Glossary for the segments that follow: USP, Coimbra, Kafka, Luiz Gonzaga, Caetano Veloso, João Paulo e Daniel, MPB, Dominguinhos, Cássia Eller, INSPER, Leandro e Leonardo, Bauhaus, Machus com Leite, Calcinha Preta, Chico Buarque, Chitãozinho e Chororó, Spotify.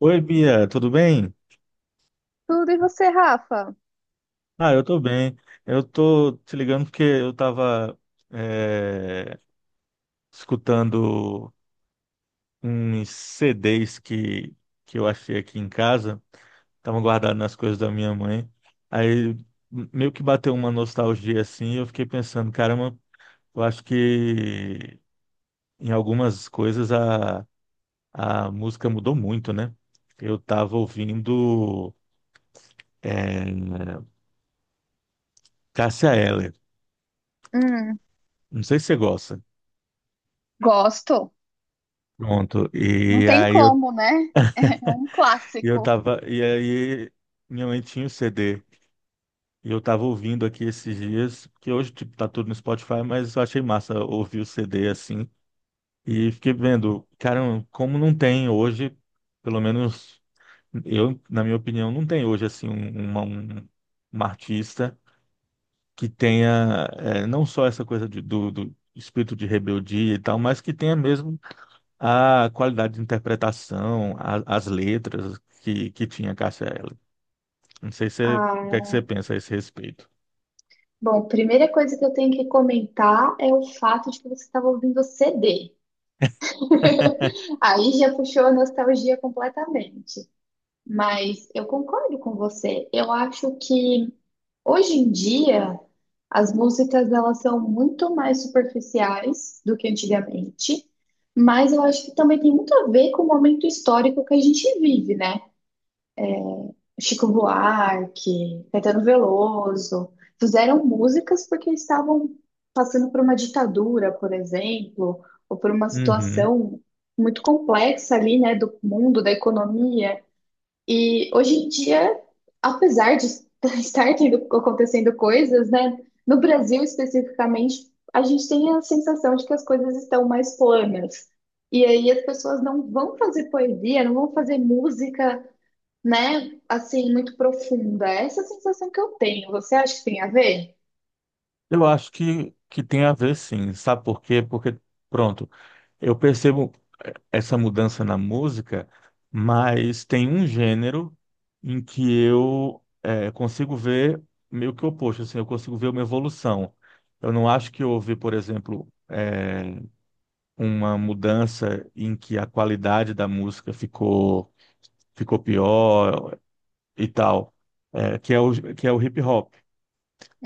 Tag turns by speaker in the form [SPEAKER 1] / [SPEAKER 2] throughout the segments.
[SPEAKER 1] Oi, Bia, tudo bem?
[SPEAKER 2] Tudo e você, Rafa?
[SPEAKER 1] Ah, eu tô bem. Eu tô te ligando porque eu tava é, escutando uns CDs que eu achei aqui em casa, estavam guardados nas coisas da minha mãe. Aí meio que bateu uma nostalgia assim, e eu fiquei pensando, caramba, eu acho que em algumas coisas a música mudou muito, né? Eu tava ouvindo é, Cássia Eller.
[SPEAKER 2] Hum,
[SPEAKER 1] Não sei se você gosta.
[SPEAKER 2] gosto.
[SPEAKER 1] Pronto.
[SPEAKER 2] Não
[SPEAKER 1] E
[SPEAKER 2] tem
[SPEAKER 1] aí eu,
[SPEAKER 2] como, né? É um
[SPEAKER 1] eu
[SPEAKER 2] clássico.
[SPEAKER 1] tava. E aí minha mãe tinha o CD. E eu tava ouvindo aqui esses dias, que hoje, tipo, tá tudo no Spotify, mas eu achei massa ouvir o CD assim. E fiquei vendo, cara, como não tem hoje, pelo menos eu, na minha opinião, não tem hoje assim uma artista que tenha não só essa coisa do espírito de rebeldia e tal, mas que tenha mesmo a qualidade de interpretação, as letras que tinha Cássia Eller. Não sei se, o que é que você
[SPEAKER 2] Ah,
[SPEAKER 1] pensa a esse respeito.
[SPEAKER 2] bom, primeira coisa que eu tenho que comentar é o fato de que você estava ouvindo CD. Aí já puxou a nostalgia completamente. Mas eu concordo com você. Eu acho que hoje em dia as músicas elas são muito mais superficiais do que antigamente, mas eu acho que também tem muito a ver com o momento histórico que a gente vive, né? Chico Buarque, Caetano Veloso, fizeram músicas porque estavam passando por uma ditadura, por exemplo, ou por uma
[SPEAKER 1] Uhum.
[SPEAKER 2] situação muito complexa ali, né, do mundo, da economia. E hoje em dia, apesar de estar tendo, acontecendo coisas, né, no Brasil especificamente, a gente tem a sensação de que as coisas estão mais planas. E aí as pessoas não vão fazer poesia, não vão fazer música, né, assim, muito profunda. Essa é a sensação que eu tenho. Você acha que tem a ver?
[SPEAKER 1] Eu acho que tem a ver, sim, sabe por quê? Porque, pronto, eu percebo essa mudança na música, mas tem um gênero em que eu consigo ver meio que o oposto, assim, eu consigo ver uma evolução. Eu não acho que houve, por exemplo, uma mudança em que a qualidade da música ficou, pior e tal, que é o hip hop.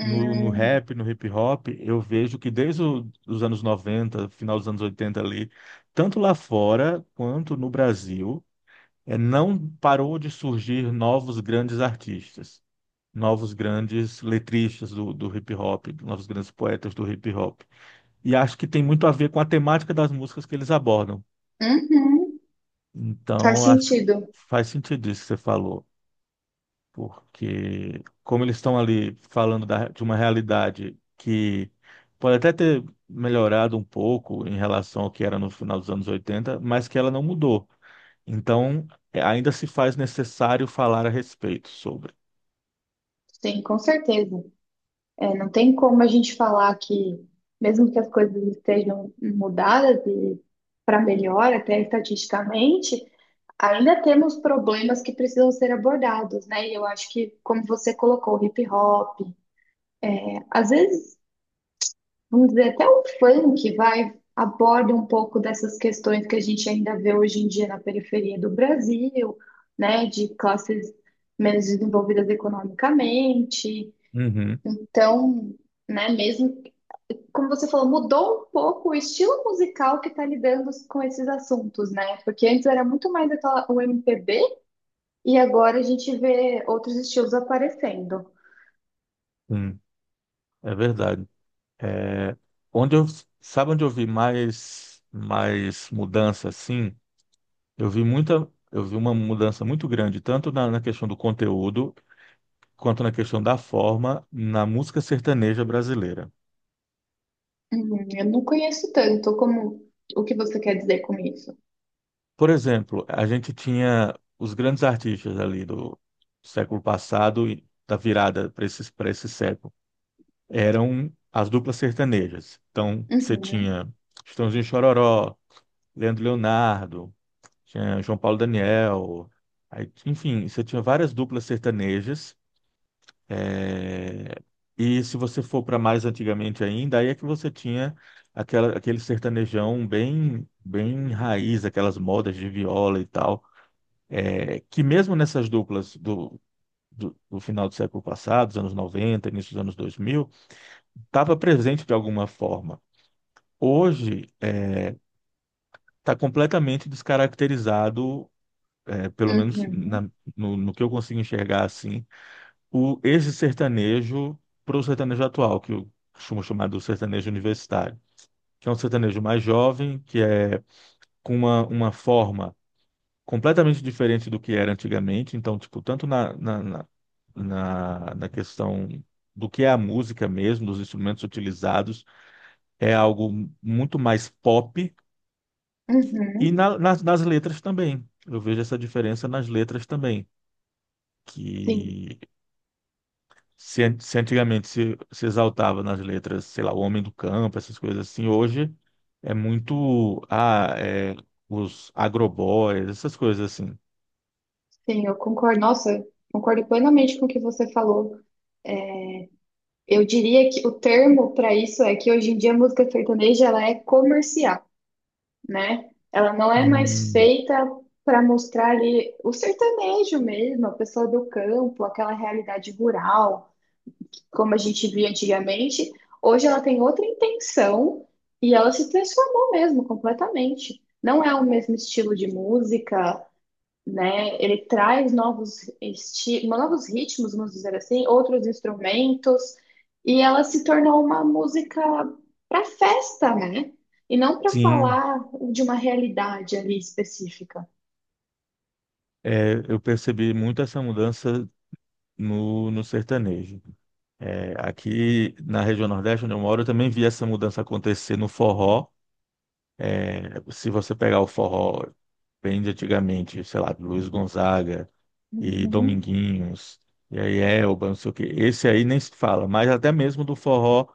[SPEAKER 1] No rap, no hip hop, eu vejo que desde os anos 90, final dos anos 80 ali, tanto lá fora quanto no Brasil, não parou de surgir novos grandes artistas, novos grandes letristas do hip hop, novos grandes poetas do hip hop. E acho que tem muito a ver com a temática das músicas que eles abordam.
[SPEAKER 2] uhum, faz
[SPEAKER 1] Então, acho,
[SPEAKER 2] sentido.
[SPEAKER 1] faz sentido isso que você falou, porque como eles estão ali falando de uma realidade que pode até ter melhorado um pouco em relação ao que era no final dos anos 80, mas que ela não mudou. Então, ainda se faz necessário falar a respeito sobre.
[SPEAKER 2] Sim, com certeza. É, não tem como a gente falar que, mesmo que as coisas estejam mudadas e para melhor, até estatisticamente, ainda temos problemas que precisam ser abordados, né? E eu acho que, como você colocou, o hip hop, às vezes, vamos dizer, até o funk vai aborda um pouco dessas questões que a gente ainda vê hoje em dia na periferia do Brasil, né? De classes menos desenvolvidas economicamente.
[SPEAKER 1] Uhum,
[SPEAKER 2] Então, né, mesmo como você falou, mudou um pouco o estilo musical que está lidando com esses assuntos, né? Porque antes era muito mais aquela- o MPB e agora a gente vê outros estilos aparecendo.
[SPEAKER 1] sim, é verdade. É, onde eu, sabe onde eu vi mais mudança, assim? Eu vi uma mudança muito grande, tanto na questão do conteúdo, quanto na questão da forma, na música sertaneja brasileira.
[SPEAKER 2] Uhum, eu não conheço tanto como o que você quer dizer com isso.
[SPEAKER 1] Por exemplo, a gente tinha os grandes artistas ali do século passado e da virada para esse, século, eram as duplas sertanejas. Então, você
[SPEAKER 2] Uhum,
[SPEAKER 1] tinha Chitãozinho e Chororó, Leandro e Leonardo, tinha João Paulo e Daniel, aí, enfim, você tinha várias duplas sertanejas. É, E se você for para mais antigamente ainda, aí é que você tinha aquele sertanejão bem, bem raiz, aquelas modas de viola e tal. Que mesmo nessas duplas do final do século passado, dos anos 90, início dos anos 2000, estava presente de alguma forma. Hoje está completamente descaracterizado, pelo menos
[SPEAKER 2] uhum,
[SPEAKER 1] no que eu consigo enxergar assim, esse sertanejo, para o sertanejo atual, que eu costumo chamar do sertanejo universitário, que é um sertanejo mais jovem, que é com uma, forma completamente diferente do que era antigamente. Então, tipo, tanto na questão do que é a música mesmo, dos instrumentos utilizados, é algo muito mais pop. E
[SPEAKER 2] uhum.
[SPEAKER 1] nas letras também. Eu vejo essa diferença nas letras também.
[SPEAKER 2] Sim,
[SPEAKER 1] Que, se se antigamente se exaltava nas letras, sei lá, o homem do campo, essas coisas assim, hoje é muito os agroboys, essas coisas assim.
[SPEAKER 2] sim, eu concordo. Nossa, concordo plenamente com o que você falou. Eu diria que o termo para isso é que hoje em dia a música sertaneja ela é comercial. Né? Ela não é mais
[SPEAKER 1] Hum,
[SPEAKER 2] feita para mostrar ali o sertanejo mesmo, a pessoa do campo, aquela realidade rural, como a gente via antigamente. Hoje ela tem outra intenção e ela se transformou mesmo completamente. Não é o mesmo estilo de música, né? Ele traz novos esti novos ritmos, vamos dizer assim, outros instrumentos, e ela se tornou uma música para festa, né? E não para
[SPEAKER 1] sim,
[SPEAKER 2] falar de uma realidade ali específica.
[SPEAKER 1] eu percebi muito essa mudança no sertanejo. Aqui na região Nordeste, onde eu moro, eu também vi essa mudança acontecer no forró. Se você pegar o forró bem de antigamente, sei lá, Luiz Gonzaga e
[SPEAKER 2] Uhum,
[SPEAKER 1] Dominguinhos, e aí Elba, não sei o quê. Esse aí nem se fala, mas até mesmo do forró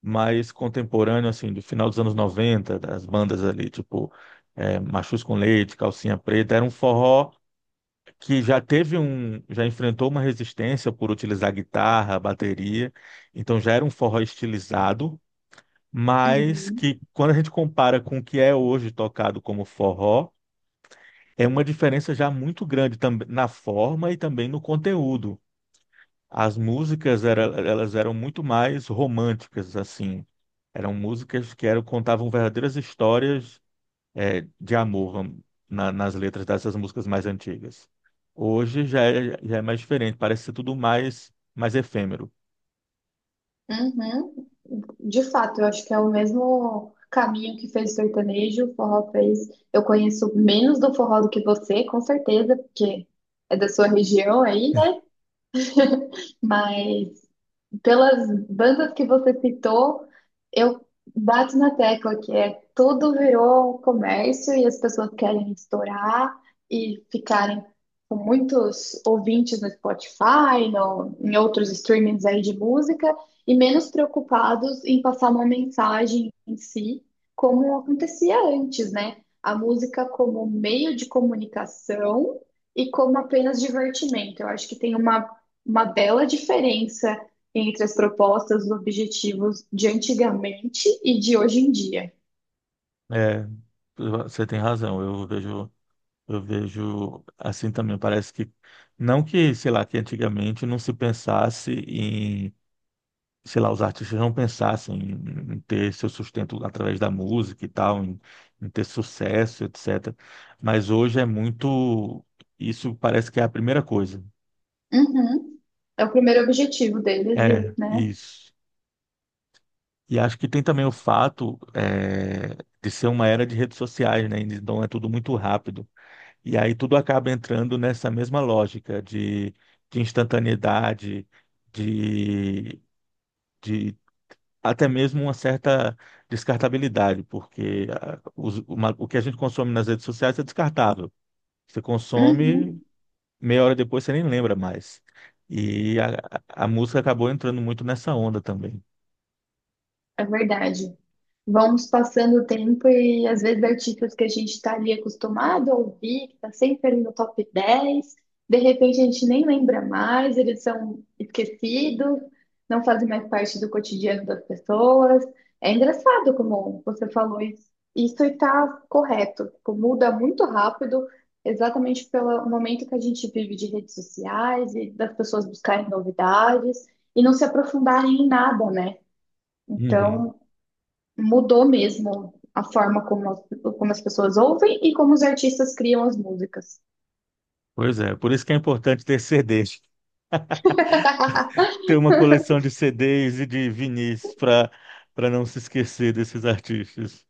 [SPEAKER 1] mais contemporâneo, assim, do final dos anos 90, das bandas ali, tipo Machus com Leite, Calcinha Preta, era um forró que já enfrentou uma resistência por utilizar guitarra, bateria, então já era um forró estilizado, mas
[SPEAKER 2] uhum,
[SPEAKER 1] que quando a gente compara com o que é hoje tocado como forró, é uma diferença já muito grande também na forma e também no conteúdo. Elas eram muito mais românticas, assim. Eram músicas contavam verdadeiras histórias, de amor, na- nas letras dessas músicas mais antigas. Hoje já é, mais diferente, parece ser tudo mais, efêmero.
[SPEAKER 2] uhum. De fato, eu acho que é o mesmo caminho que fez o sertanejo, o forró fez. Eu conheço menos do forró do que você, com certeza, porque é da sua região aí, né? Mas pelas bandas que você citou, eu bato na tecla que é tudo virou comércio e as pessoas querem estourar e ficarem com muitos ouvintes no Spotify, no, em outros streamings aí de música, e menos preocupados em passar uma mensagem em si, como acontecia antes, né? A música como meio de comunicação e como apenas divertimento. Eu acho que tem uma bela diferença entre as propostas, os objetivos de antigamente e de hoje em dia.
[SPEAKER 1] É, você tem razão. eu vejo assim também. Parece que não que, sei lá, que antigamente não se pensasse, sei lá, os artistas não pensassem em, ter seu sustento através da música e tal, em ter sucesso, etc. Mas hoje isso parece que é a primeira coisa.
[SPEAKER 2] Uhum. É o primeiro objetivo deles, e,
[SPEAKER 1] É,
[SPEAKER 2] né?
[SPEAKER 1] isso. E acho que tem também o fato, de ser uma era de redes sociais, né? Então é tudo muito rápido. E aí tudo acaba entrando nessa mesma lógica de, instantaneidade, de, de até mesmo uma certa descartabilidade, porque o que a gente consome nas redes sociais é descartável. Você consome,
[SPEAKER 2] Uhum.
[SPEAKER 1] meia hora depois você nem lembra mais. E a música acabou entrando muito nessa onda também.
[SPEAKER 2] É verdade. Vamos passando o tempo e às vezes artistas que a gente está ali acostumado a ouvir, que está sempre ali no top 10 de repente a gente nem lembra mais, eles são esquecidos, não fazem mais parte do cotidiano das pessoas. É engraçado como você falou isso. Isso está correto, tipo, muda muito rápido, exatamente pelo momento que a gente vive de redes sociais e das pessoas buscarem novidades e não se aprofundarem em nada, né?
[SPEAKER 1] Uhum.
[SPEAKER 2] Então, mudou mesmo a forma como as pessoas ouvem e como os artistas criam as músicas.
[SPEAKER 1] Pois é, por isso que é importante ter CDs, ter uma coleção de CDs e de vinis para não se esquecer desses artistas.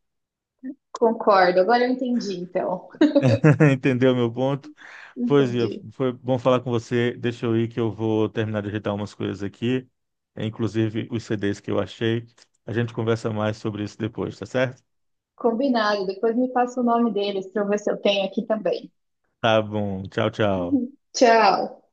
[SPEAKER 2] Concordo, agora eu entendi, então.
[SPEAKER 1] Entendeu meu ponto? Pois é,
[SPEAKER 2] Entendi.
[SPEAKER 1] foi bom falar com você. Deixa eu ir que eu vou terminar de ajeitar umas coisas aqui, inclusive os CDs que eu achei. A gente conversa mais sobre isso depois, tá certo?
[SPEAKER 2] Combinado, depois me passa o nome deles para eu ver se eu tenho aqui também.
[SPEAKER 1] Tá bom. Tchau, tchau.
[SPEAKER 2] Tchau.